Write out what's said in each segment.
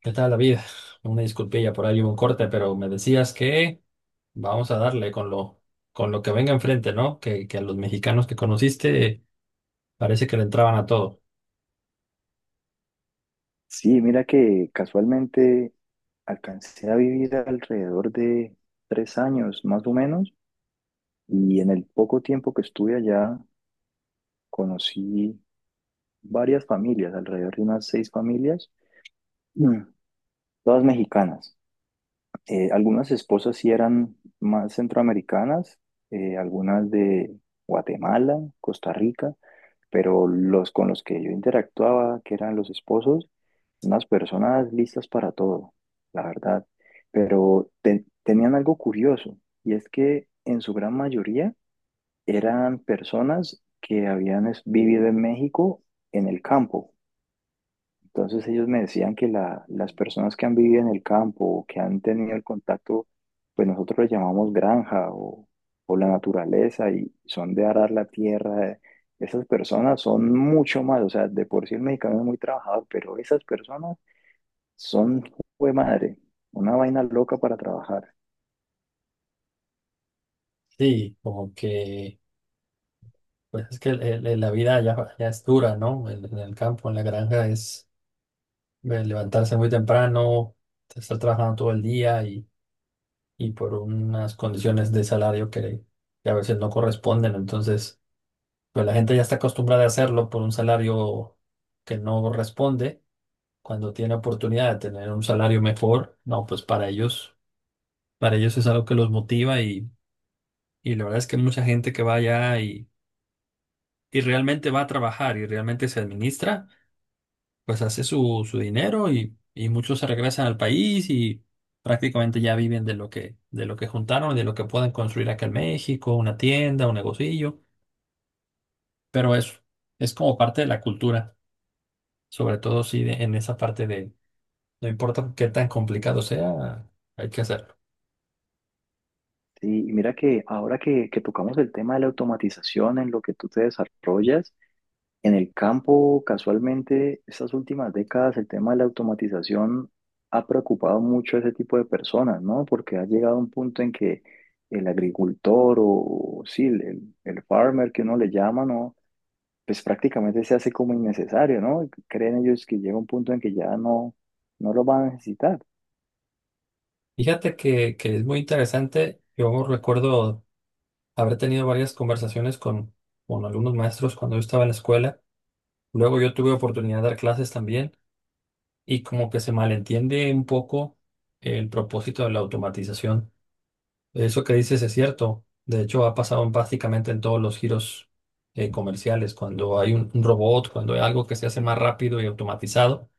¿Qué tal, David? Una disculpilla por ahí, hubo un corte, pero me decías que vamos a darle con lo que venga enfrente, ¿no? Que a los mexicanos que conociste parece que le entraban a todo. Sí, mira que casualmente alcancé a vivir alrededor de 3 años más o menos, y en el poco tiempo que estuve allá conocí varias familias, alrededor de unas seis familias, Mm. todas mexicanas. Algunas esposas sí eran más centroamericanas, algunas de Guatemala, Costa Rica, pero los con los que yo interactuaba, que eran los esposos, unas personas listas para todo, la verdad. Pero tenían algo curioso, y es que en su gran mayoría eran personas que habían vivido en México en el campo. Entonces ellos me decían que las personas que han vivido en el campo o que han tenido el contacto, pues nosotros le llamamos granja o la naturaleza, y son de arar la tierra. Esas personas son mucho más, o sea, de por sí el mexicano es muy trabajador, pero esas personas son, jue madre, una vaina loca para trabajar. Sí, como que, pues es que la vida ya es dura, ¿no? En el campo, en la granja, es levantarse muy temprano, estar trabajando todo el día y por unas condiciones de salario que a veces no corresponden. Entonces... Pero la gente ya está acostumbrada a hacerlo por un salario que no responde. Cuando tiene oportunidad de tener un salario mejor, no, pues para ellos es algo que los motiva y la verdad es que mucha gente que va allá y realmente va a trabajar y realmente se administra, pues hace su, su dinero y muchos se regresan al país y prácticamente ya viven de lo que juntaron, de lo que pueden construir acá en México, una tienda, un negocillo, pero eso es como parte de la cultura. Sobre todo si de- en esa parte de no importa qué tan complicado sea, hay que hacerlo. Sí, y mira que ahora que tocamos el tema de la automatización en lo que tú te desarrollas, en el campo, casualmente, estas últimas décadas, el tema de la automatización ha preocupado mucho a ese tipo de personas, ¿no? Porque ha llegado a un punto en que el agricultor o, sí, el farmer que uno le llama, ¿no? Pues prácticamente se hace como innecesario, ¿no? Creen ellos que llega un punto en que ya no lo van a necesitar. Fíjate que es muy interesante. Yo recuerdo haber tenido varias conversaciones con algunos maestros cuando yo estaba en la escuela. Luego yo tuve oportunidad de dar clases también y como que se malentiende un poco el propósito de la automatización. Eso que dices es cierto. De hecho, ha pasado en prácticamente en todos los giros comerciales, cuando hay un robot, cuando hay algo que se hace más rápido y automatizado.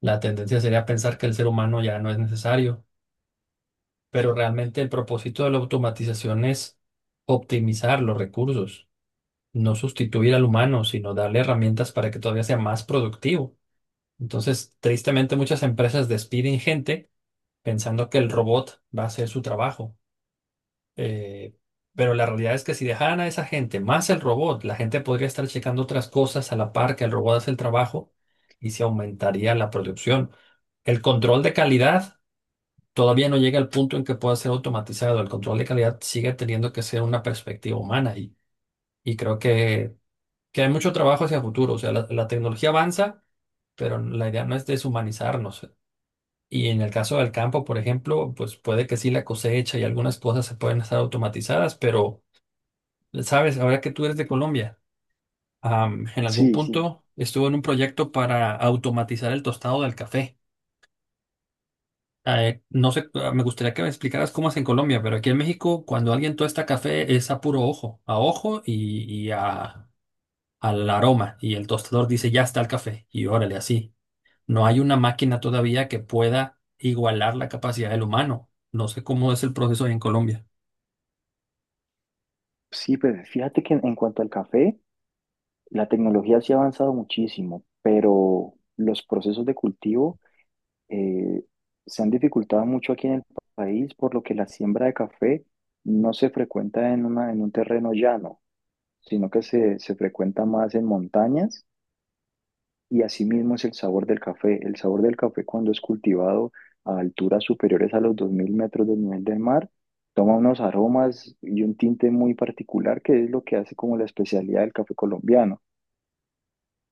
La tendencia sería pensar que el ser humano ya no es necesario, pero realmente el propósito de la automatización es optimizar los recursos, no sustituir al humano, sino darle herramientas para que todavía sea más productivo. Entonces, tristemente, muchas empresas despiden gente pensando que el robot va a hacer su trabajo. Eh, pero la realidad es que si dejaran a esa gente más el robot, la gente podría estar checando otras cosas a la par que el robot hace el trabajo y se aumentaría la producción. El control de calidad. Todavía no llega al punto en que pueda ser automatizado. El control de calidad sigue teniendo que ser una perspectiva humana y creo que hay mucho trabajo hacia el futuro. O sea, la tecnología avanza, pero la idea no es deshumanizarnos. Y en el caso del campo, por ejemplo, pues puede que sí la cosecha y algunas cosas se pueden estar automatizadas, pero, sabes, ahora que tú eres de Colombia, en algún Sí, sí. punto estuvo en un proyecto para automatizar el tostado del café. No sé, me gustaría que me explicaras cómo es en Colombia, pero aquí en México, cuando alguien tuesta café, es a puro ojo, a ojo y a, al aroma. Y el tostador dice, ya está el café. Y órale, así. No hay una máquina todavía que pueda igualar la capacidad del humano. No sé cómo es el proceso ahí en Colombia. Sí, pues fíjate que en cuanto al café, la tecnología sí ha avanzado muchísimo, pero los procesos de cultivo eh, se han dificultado mucho aquí en el país, por lo que la siembra de café no se frecuenta en un terreno llano, sino que se frecuenta más en montañas, y asimismo es el sabor del café. El sabor del café cuando es cultivado a alturas superiores a los 2.000 metros del nivel del mar, toma unos aromas y un tinte muy particular que es lo que hace como la especialidad del café colombiano.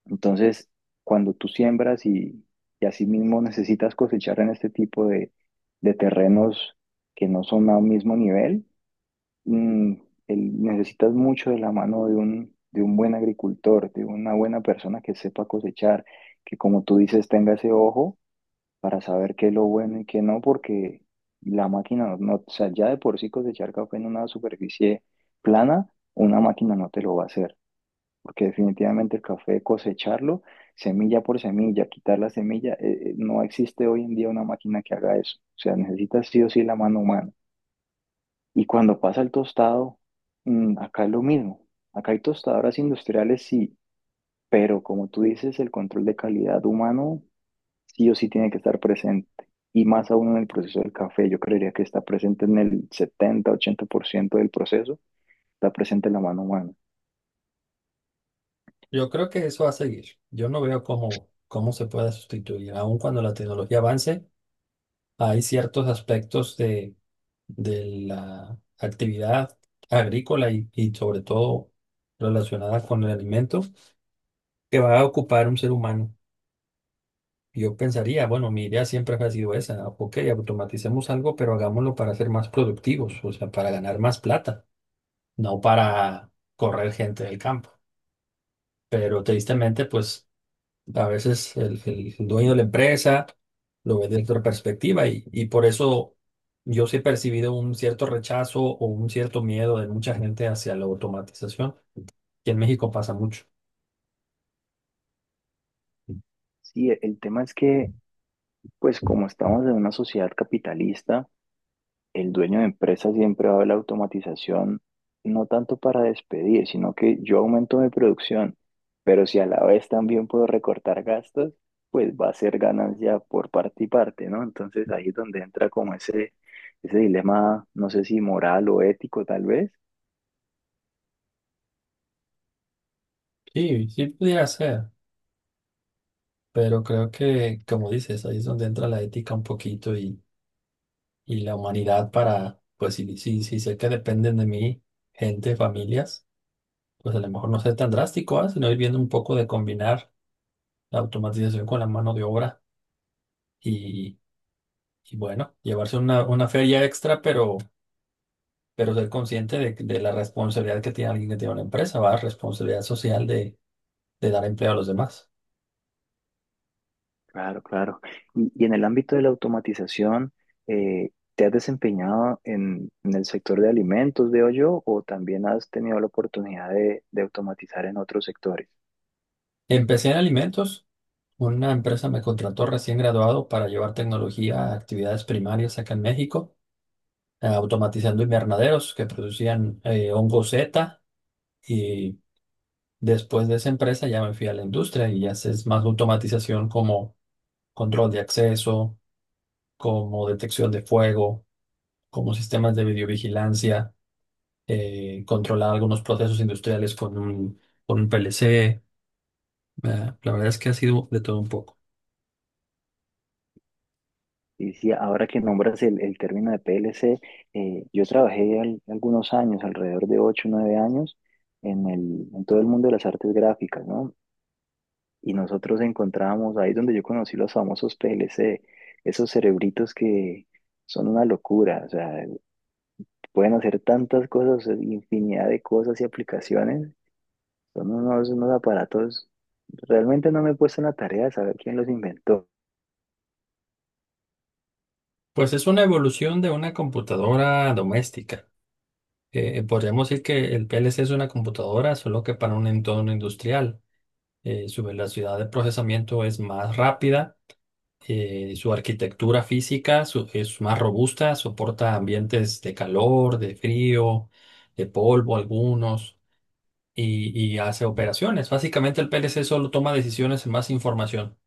Entonces, cuando tú siembras y asimismo necesitas cosechar en este tipo de terrenos que no son a un mismo nivel, mm, necesitas mucho de la mano de un buen agricultor, de una buena persona que sepa cosechar, que como tú dices tenga ese ojo para saber qué es lo bueno y qué no, porque la máquina no, o sea, ya de por sí cosechar café en una superficie plana, una máquina no te lo va a hacer, porque definitivamente el café cosecharlo, semilla por semilla, quitar la semilla, no existe hoy en día una máquina que haga eso, o sea, necesitas sí o sí la mano humana. Y cuando pasa el tostado, acá es lo mismo. Acá hay tostadoras industriales, sí, pero como tú dices, el control de calidad humano sí o sí tiene que estar presente. Y más aún en el proceso del café, yo creería que está presente en el 70-80% del proceso, está presente la mano humana. Yo creo que eso va a seguir. Yo no veo cómo, cómo se pueda sustituir, aun cuando la tecnología avance. Hay ciertos aspectos de la actividad agrícola y sobre todo relacionada con el alimento que va a ocupar un ser humano. Yo pensaría, bueno, mi idea siempre ha sido esa, ok, automaticemos algo, pero hagámoslo para ser más productivos, o sea, para ganar más plata, no para correr gente del campo. Pero tristemente, pues... A veces el dueño de la empresa lo ve desde otra perspectiva y por eso yo sí he percibido un cierto rechazo o un cierto miedo de mucha gente hacia la automatización, que en México pasa mucho. Sí, el tema es que, pues como estamos en una sociedad capitalista, el dueño de empresa siempre va a ver la automatización, no tanto para despedir, sino que yo aumento mi producción, pero si a la vez también puedo recortar gastos, pues va a ser ganancia por parte y parte, ¿no? Entonces ahí es donde entra como ese dilema, no sé si moral o ético tal vez. Sí, sí pudiera ser, pero creo que, como dices, ahí es donde entra la ética un poquito y la humanidad para, pues si, si, si sé que dependen de mí gente, familias, pues a lo mejor no ser tan drástico, ¿ah? Sino ir viendo un poco de combinar la automatización con la mano de obra. Y bueno, llevarse una feria extra, pero ser consciente de la responsabilidad que tiene alguien que tiene una empresa, va, responsabilidad social de dar empleo a los demás. Claro, claro. Y en el ámbito de la automatización, eh, ¿te has desempeñado en el sector de alimentos, veo yo, o también has tenido la oportunidad de automatizar en otros sectores? Empecé en alimentos, una empresa me contrató recién graduado para llevar tecnología a actividades primarias acá en México, automatizando invernaderos que producían hongo Z y después de esa empresa ya me fui a la industria y ya es más automatización como control de acceso, como detección de fuego, como sistemas de videovigilancia, controlar algunos procesos industriales con un PLC. Eh, la verdad es que ha sido de todo un poco. Y sí, ahora que nombras el término de PLC, yo trabajé algunos años, alrededor de ocho o 9 años, en todo el mundo de las artes gráficas, ¿no? Y nosotros encontrábamos, ahí es donde yo conocí los famosos PLC, esos cerebritos que son una locura, o sea, pueden hacer tantas cosas, infinidad de cosas y aplicaciones, son unos aparatos, realmente no me he puesto en la tarea de saber quién los inventó. Pues es una evolución de una computadora doméstica. Podríamos decir que el PLC es una computadora, solo que para un entorno industrial. Su velocidad de procesamiento es más rápida, su arquitectura física es más robusta, soporta ambientes de calor, de frío, de polvo algunos. Y, y hace operaciones. Básicamente el PLC solo toma decisiones en más información.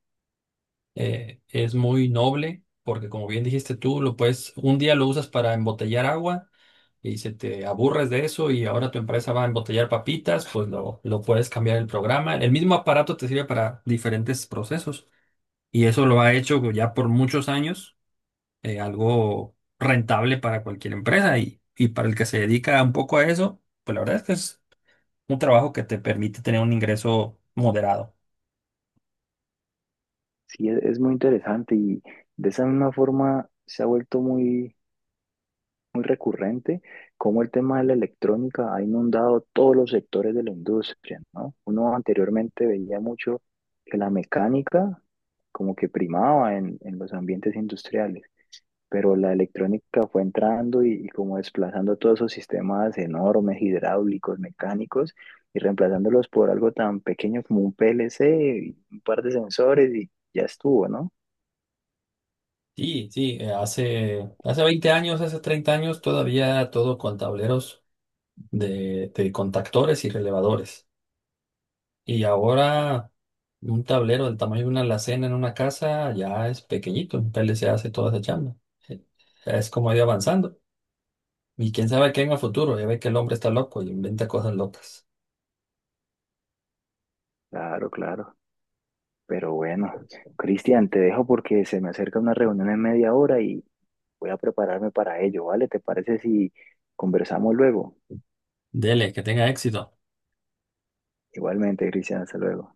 Es muy noble porque como bien dijiste tú, lo puedes, un día lo usas para embotellar agua y se te aburres de eso y ahora tu empresa va a embotellar papitas, pues lo puedes cambiar el programa. El mismo aparato te sirve para diferentes procesos y eso lo ha hecho ya por muchos años, algo rentable para cualquier empresa y para el que se dedica un poco a eso, pues la verdad es que es un trabajo que te permite tener un ingreso moderado. Sí, es muy interesante, y de esa misma forma se ha vuelto muy, muy recurrente cómo el tema de la electrónica ha inundado todos los sectores de la industria, ¿no? Uno anteriormente veía mucho que la mecánica como que primaba en los ambientes industriales, pero la electrónica fue entrando y como desplazando todos esos sistemas enormes, hidráulicos, mecánicos, y reemplazándolos por algo tan pequeño como un PLC, y un par de sensores y ya estuvo, ¿no? Sí, sí, hace, hace 20 años, hace 30 años, todavía todo con tableros de contactores y relevadores. Y ahora un tablero del tamaño de una alacena en una casa ya es pequeñito, en PLC hace toda esa chamba. Eh, Es como ir avanzando. Y quién sabe qué en el futuro, ya ve que el hombre está loco y inventa cosas locas. Claro, claro. Pero bueno, Cristian, te dejo porque se me acerca una reunión en media hora y voy a prepararme para ello, ¿vale? ¿Te parece si conversamos luego? Dele, que tenga éxito. Igualmente, Cristian, hasta luego.